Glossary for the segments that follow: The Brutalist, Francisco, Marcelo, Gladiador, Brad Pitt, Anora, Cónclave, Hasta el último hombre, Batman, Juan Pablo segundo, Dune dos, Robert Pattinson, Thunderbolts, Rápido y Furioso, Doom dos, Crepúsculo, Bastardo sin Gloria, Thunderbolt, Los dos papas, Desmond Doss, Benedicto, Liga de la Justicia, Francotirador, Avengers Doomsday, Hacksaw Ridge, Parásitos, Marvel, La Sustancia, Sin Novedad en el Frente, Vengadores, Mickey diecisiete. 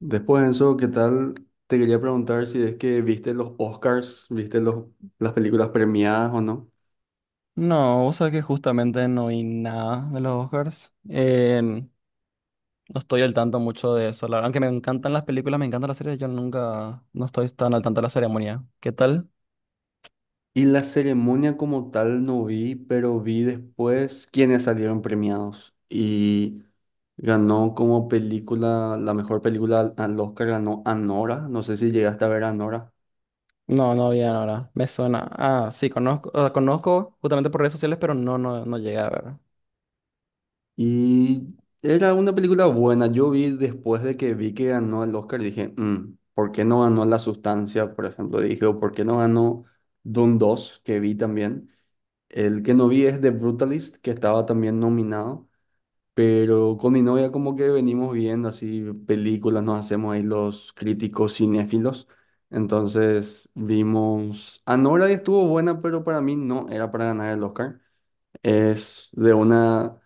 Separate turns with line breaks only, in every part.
Después de eso, ¿qué tal? Te quería preguntar si es que viste los Oscars, viste las películas premiadas o no.
No, vos sabés que justamente no vi nada de los Oscars. No estoy al tanto mucho de eso. La verdad, aunque me encantan las películas, me encantan las series, yo nunca, no estoy tan al tanto de la ceremonia. ¿Qué tal?
Y la ceremonia como tal no vi, pero vi después quiénes salieron premiados. Y ganó como película, la mejor película al Oscar ganó Anora. No sé si llegaste a ver Anora.
No, no vi ahora. Me suena. Ah, sí, conozco, conozco justamente por redes sociales, pero no llegué a ver.
Y era una película buena. Yo vi después de que vi que ganó el Oscar, dije, ¿Por qué no ganó La Sustancia, por ejemplo? Dije, o ¿por qué no ganó Dune dos que vi también? El que no vi es The Brutalist, que estaba también nominado. Pero con mi novia como que venimos viendo así películas, nos hacemos ahí los críticos cinéfilos. Entonces vimos Anora y estuvo buena, pero para mí no era para ganar el Oscar. Es de una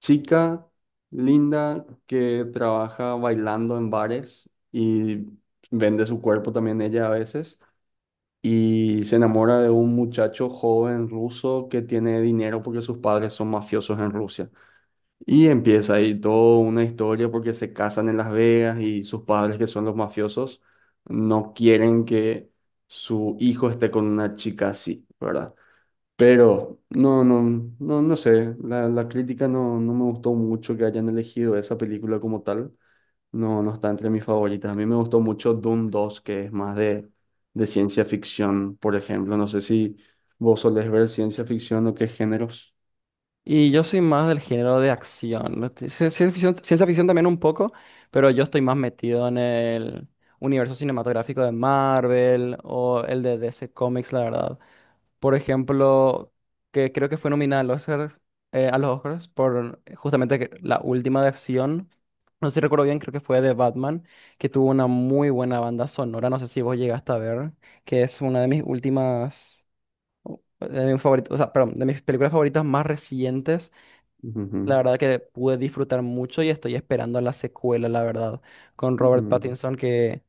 chica linda que trabaja bailando en bares y vende su cuerpo también ella a veces. Y se enamora de un muchacho joven ruso que tiene dinero porque sus padres son mafiosos en Rusia. Y empieza ahí toda una historia porque se casan en Las Vegas y sus padres que son los mafiosos no quieren que su hijo esté con una chica así, ¿verdad? Pero no, no, no, no sé, la crítica no, no me gustó mucho que hayan elegido esa película como tal. No, no está entre mis favoritas. A mí me gustó mucho Doom dos que es más de ciencia ficción, por ejemplo. No sé si vos solés ver ciencia ficción o qué géneros.
Y yo soy más del género de acción, ¿no? Ciencia ficción también un poco, pero yo estoy más metido en el universo cinematográfico de Marvel o el de DC Comics, la verdad. Por ejemplo, que creo que fue nominada al Oscar, a los Oscars por justamente que- la última de acción. No sé si recuerdo bien, creo que fue de Batman, que tuvo una muy buena banda sonora. No sé si vos llegaste a ver, que es una de mis últimas, de mis favoritos, o sea, perdón, de mis películas favoritas más recientes. La
Ujú,
verdad que pude disfrutar mucho y estoy esperando la secuela, la verdad, con Robert
ujú.
Pattinson que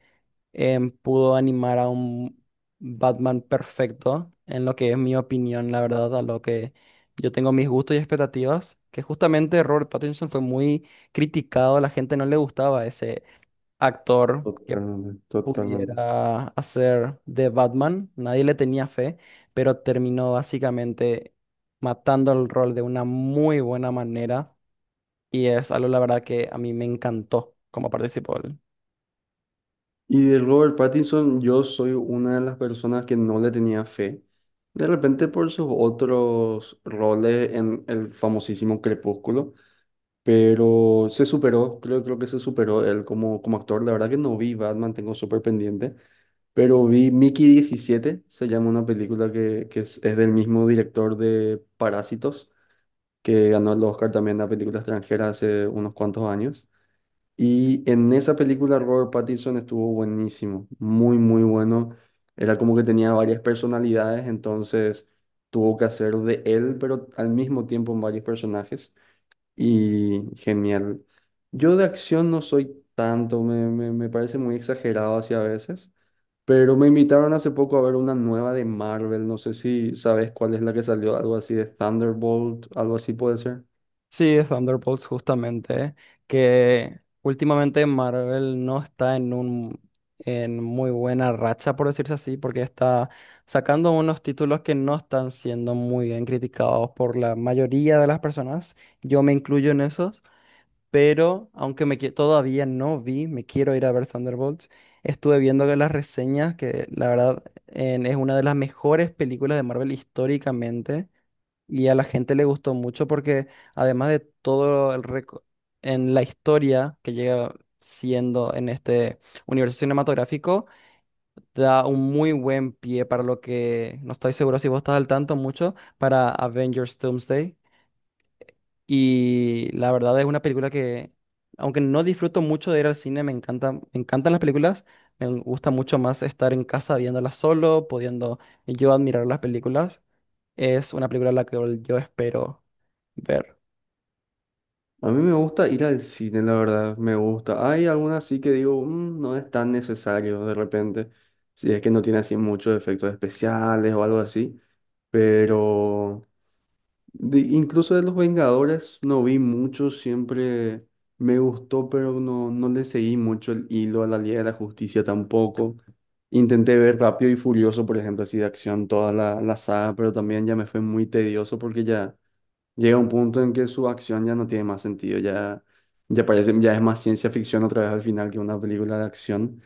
pudo animar a un Batman perfecto, en lo que es mi opinión, la verdad, a lo que yo tengo mis gustos y expectativas, que justamente Robert Pattinson fue muy criticado, a la gente no le gustaba ese actor que
Totalmente, totalmente.
pudiera hacer de Batman, nadie le tenía fe, pero terminó básicamente matando el rol de una muy buena manera, y es algo, la verdad, que a mí me encantó cómo participó él.
Y de Robert Pattinson, yo soy una de las personas que no le tenía fe. De repente por sus otros roles en el famosísimo Crepúsculo. Pero se superó, creo que se superó él como actor. La verdad que no vi Batman, tengo súper pendiente, pero vi Mickey 17 se llama una película que es del mismo director de Parásitos, que ganó el Oscar también a película extranjera hace unos cuantos años. Y en esa película Robert Pattinson estuvo buenísimo, muy, muy bueno. Era como que tenía varias personalidades, entonces tuvo que hacer de él, pero al mismo tiempo en varios personajes. Y genial. Yo de acción no soy tanto, me parece muy exagerado así a veces, pero me invitaron hace poco a ver una nueva de Marvel, no sé si sabes cuál es la que salió, algo así de Thunderbolt, algo así puede ser.
Sí, Thunderbolts, justamente, que últimamente Marvel no está en un, en muy buena racha, por decirse así, porque está sacando unos títulos que no están siendo muy bien criticados por la mayoría de las personas. Yo me incluyo en esos. Pero aunque me, todavía no vi, me quiero ir a ver Thunderbolts. Estuve viendo que las reseñas, que la verdad es una de las mejores películas de Marvel históricamente, y a la gente le gustó mucho porque además de todo el en la historia que llega siendo en este universo cinematográfico, da un muy buen pie para lo que, no estoy seguro si vos estás al tanto mucho, para Avengers Doomsday. Y la verdad es una película que, aunque no disfruto mucho de ir al cine, me encanta, me encantan las películas. Me gusta mucho más estar en casa viéndolas solo, pudiendo yo admirar las películas. Es una película la que yo espero ver.
A mí me gusta ir al cine, la verdad, me gusta. Hay algunas sí que digo, No es tan necesario de repente, si es que no tiene así muchos efectos especiales o algo así, pero incluso de los Vengadores no vi mucho, siempre me gustó, pero no, no le seguí mucho el hilo a la Liga de la Justicia tampoco. Intenté ver Rápido y Furioso, por ejemplo, así de acción, toda la saga, pero también ya me fue muy tedioso porque ya llega un punto en que su acción ya no tiene más sentido, ya, ya parece, ya es más ciencia ficción otra vez al final que una película de acción.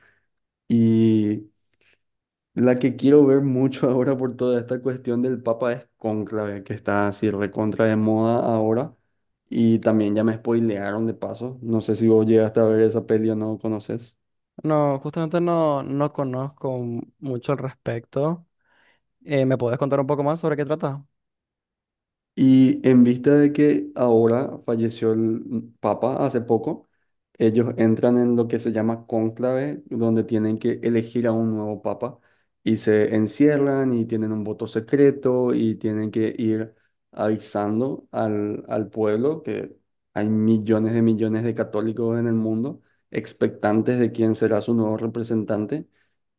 Y la que quiero ver mucho ahora por toda esta cuestión del Papa es Cónclave, que está así recontra de moda ahora. Y también ya me spoilearon de paso. No sé si vos llegaste a ver esa peli o no conoces.
No, justamente no, no conozco mucho al respecto. ¿Me podés contar un poco más sobre qué trata?
Y en vista de que ahora falleció el Papa hace poco, ellos entran en lo que se llama cónclave, donde tienen que elegir a un nuevo Papa y se encierran y tienen un voto secreto y tienen que ir avisando al pueblo que hay millones de católicos en el mundo expectantes de quién será su nuevo representante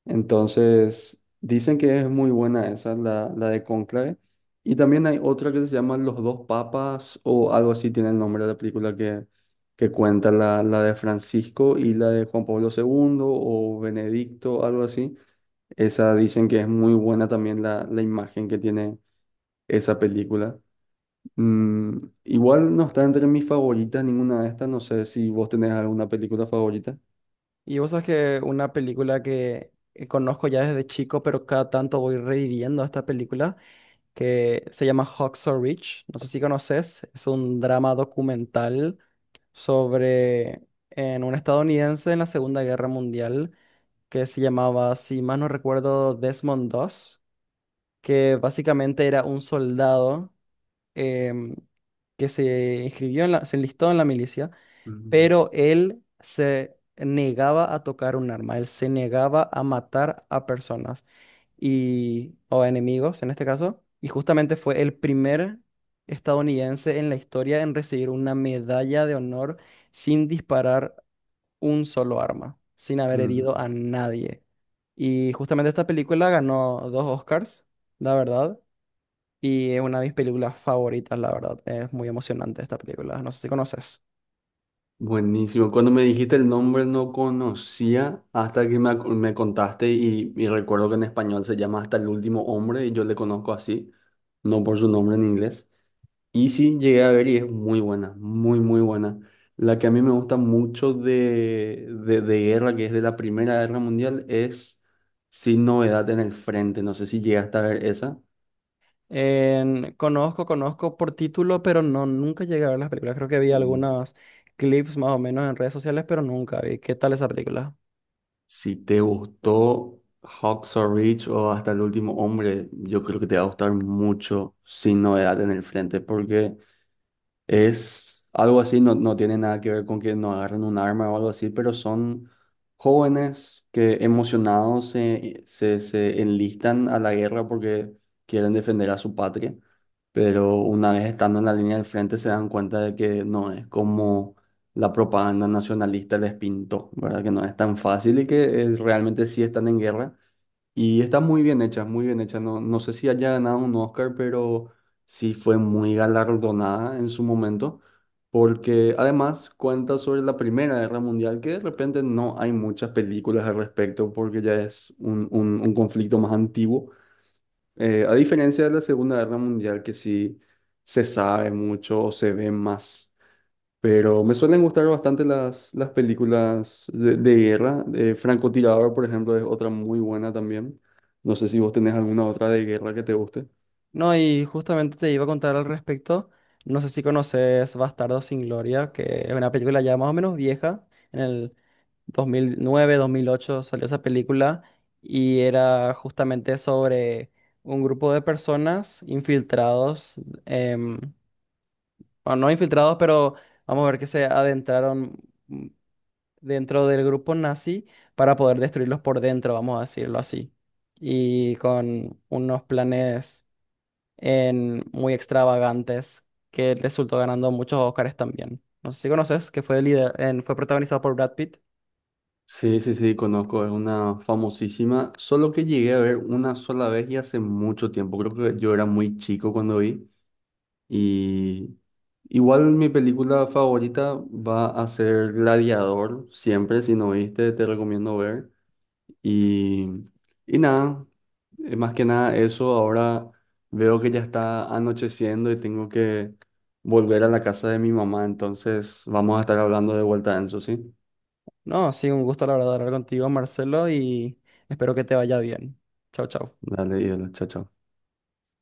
entonces, dicen que es muy buena esa, la de Cónclave. Y también hay otra que se llama Los dos papas o algo así tiene el nombre de la película que cuenta la de Francisco y la de Juan Pablo segundo o Benedicto, algo así. Esa dicen que es muy buena también la imagen que tiene esa película. Mm, Igual no está entre mis favoritas ninguna de estas. No sé si vos tenés alguna película favorita.
Y vos sabes que una película que conozco ya desde chico, pero cada tanto voy reviviendo esta película, que se llama Hacksaw Ridge. No sé si conoces, es un drama documental sobre en un estadounidense en la Segunda Guerra Mundial que se llamaba, si más no recuerdo, Desmond Doss, que básicamente era un soldado em, que se inscribió en la, se enlistó en la milicia,
Ujú,
pero él se negaba a tocar un arma, él se negaba a matar a personas y, o a enemigos en este caso, y justamente fue el primer estadounidense en la historia en recibir una medalla de honor sin disparar un solo arma, sin haber herido
ujú.
a nadie. Y justamente esta película ganó dos Oscars, la verdad. Y es una de mis películas favoritas, la verdad. Es muy emocionante esta película. No sé si conoces.
Buenísimo. Cuando me dijiste el nombre no conocía hasta que me contaste y recuerdo que en español se llama Hasta el último hombre y yo le conozco así, no por su nombre en inglés. Y sí, llegué a ver y es muy buena, muy, muy buena. La que a mí me gusta mucho de guerra, que es de la Primera Guerra Mundial, es Sin Novedad en el Frente. No sé si llegaste a ver esa.
Conozco, conozco por título, pero no, nunca llegué a ver las películas. Creo que vi algunos clips más o menos en redes sociales, pero nunca vi. ¿Qué tal esa película?
Si te gustó Hacksaw Ridge o hasta el último hombre, yo creo que te va a gustar mucho Sin Novedad en el Frente, porque es algo así, no, no tiene nada que ver con que no agarren un arma o algo así, pero son jóvenes que emocionados se enlistan a la guerra porque quieren defender a su patria, pero una vez estando en la línea del frente se dan cuenta de que no es como la propaganda nacionalista les pintó, ¿verdad? Que no es tan fácil y que realmente sí están en guerra y está muy bien hecha, muy bien hecha. No, no sé si haya ganado un Oscar, pero sí fue muy galardonada en su momento, porque además cuenta sobre la Primera Guerra Mundial, que de repente no hay muchas películas al respecto, porque ya es un conflicto más antiguo. A diferencia de la Segunda Guerra Mundial, que sí se sabe mucho o se ve más. Pero me suelen gustar bastante las películas de guerra. Francotirador, por ejemplo, es otra muy buena también. No sé si vos tenés alguna otra de guerra que te guste.
No, y justamente te iba a contar al respecto. No sé si conoces Bastardo sin Gloria, que es una película ya más o menos vieja. En el 2009, 2008 salió esa película y era justamente sobre un grupo de personas infiltrados, em, bueno, no infiltrados, pero vamos a ver que se adentraron dentro del grupo nazi para poder destruirlos por dentro, vamos a decirlo así. Y con unos planes muy extravagantes que resultó ganando muchos Oscars también. No sé si conoces, que fue, fue protagonizado por Brad Pitt.
Sí, sí, sí, conozco, es una famosísima, solo que llegué a ver una sola vez y hace mucho tiempo, creo que yo era muy chico cuando vi y igual mi película favorita va a ser Gladiador, siempre, si no viste te recomiendo ver. Y, y nada, más que nada eso, ahora veo que ya está anocheciendo y tengo que volver a la casa de mi mamá, entonces vamos a estar hablando de vuelta, Enzo, ¿sí?
No, sí, un gusto la verdad hablar contigo, Marcelo, y espero que te vaya bien. Chau, chau.
Dale, y chao, chao.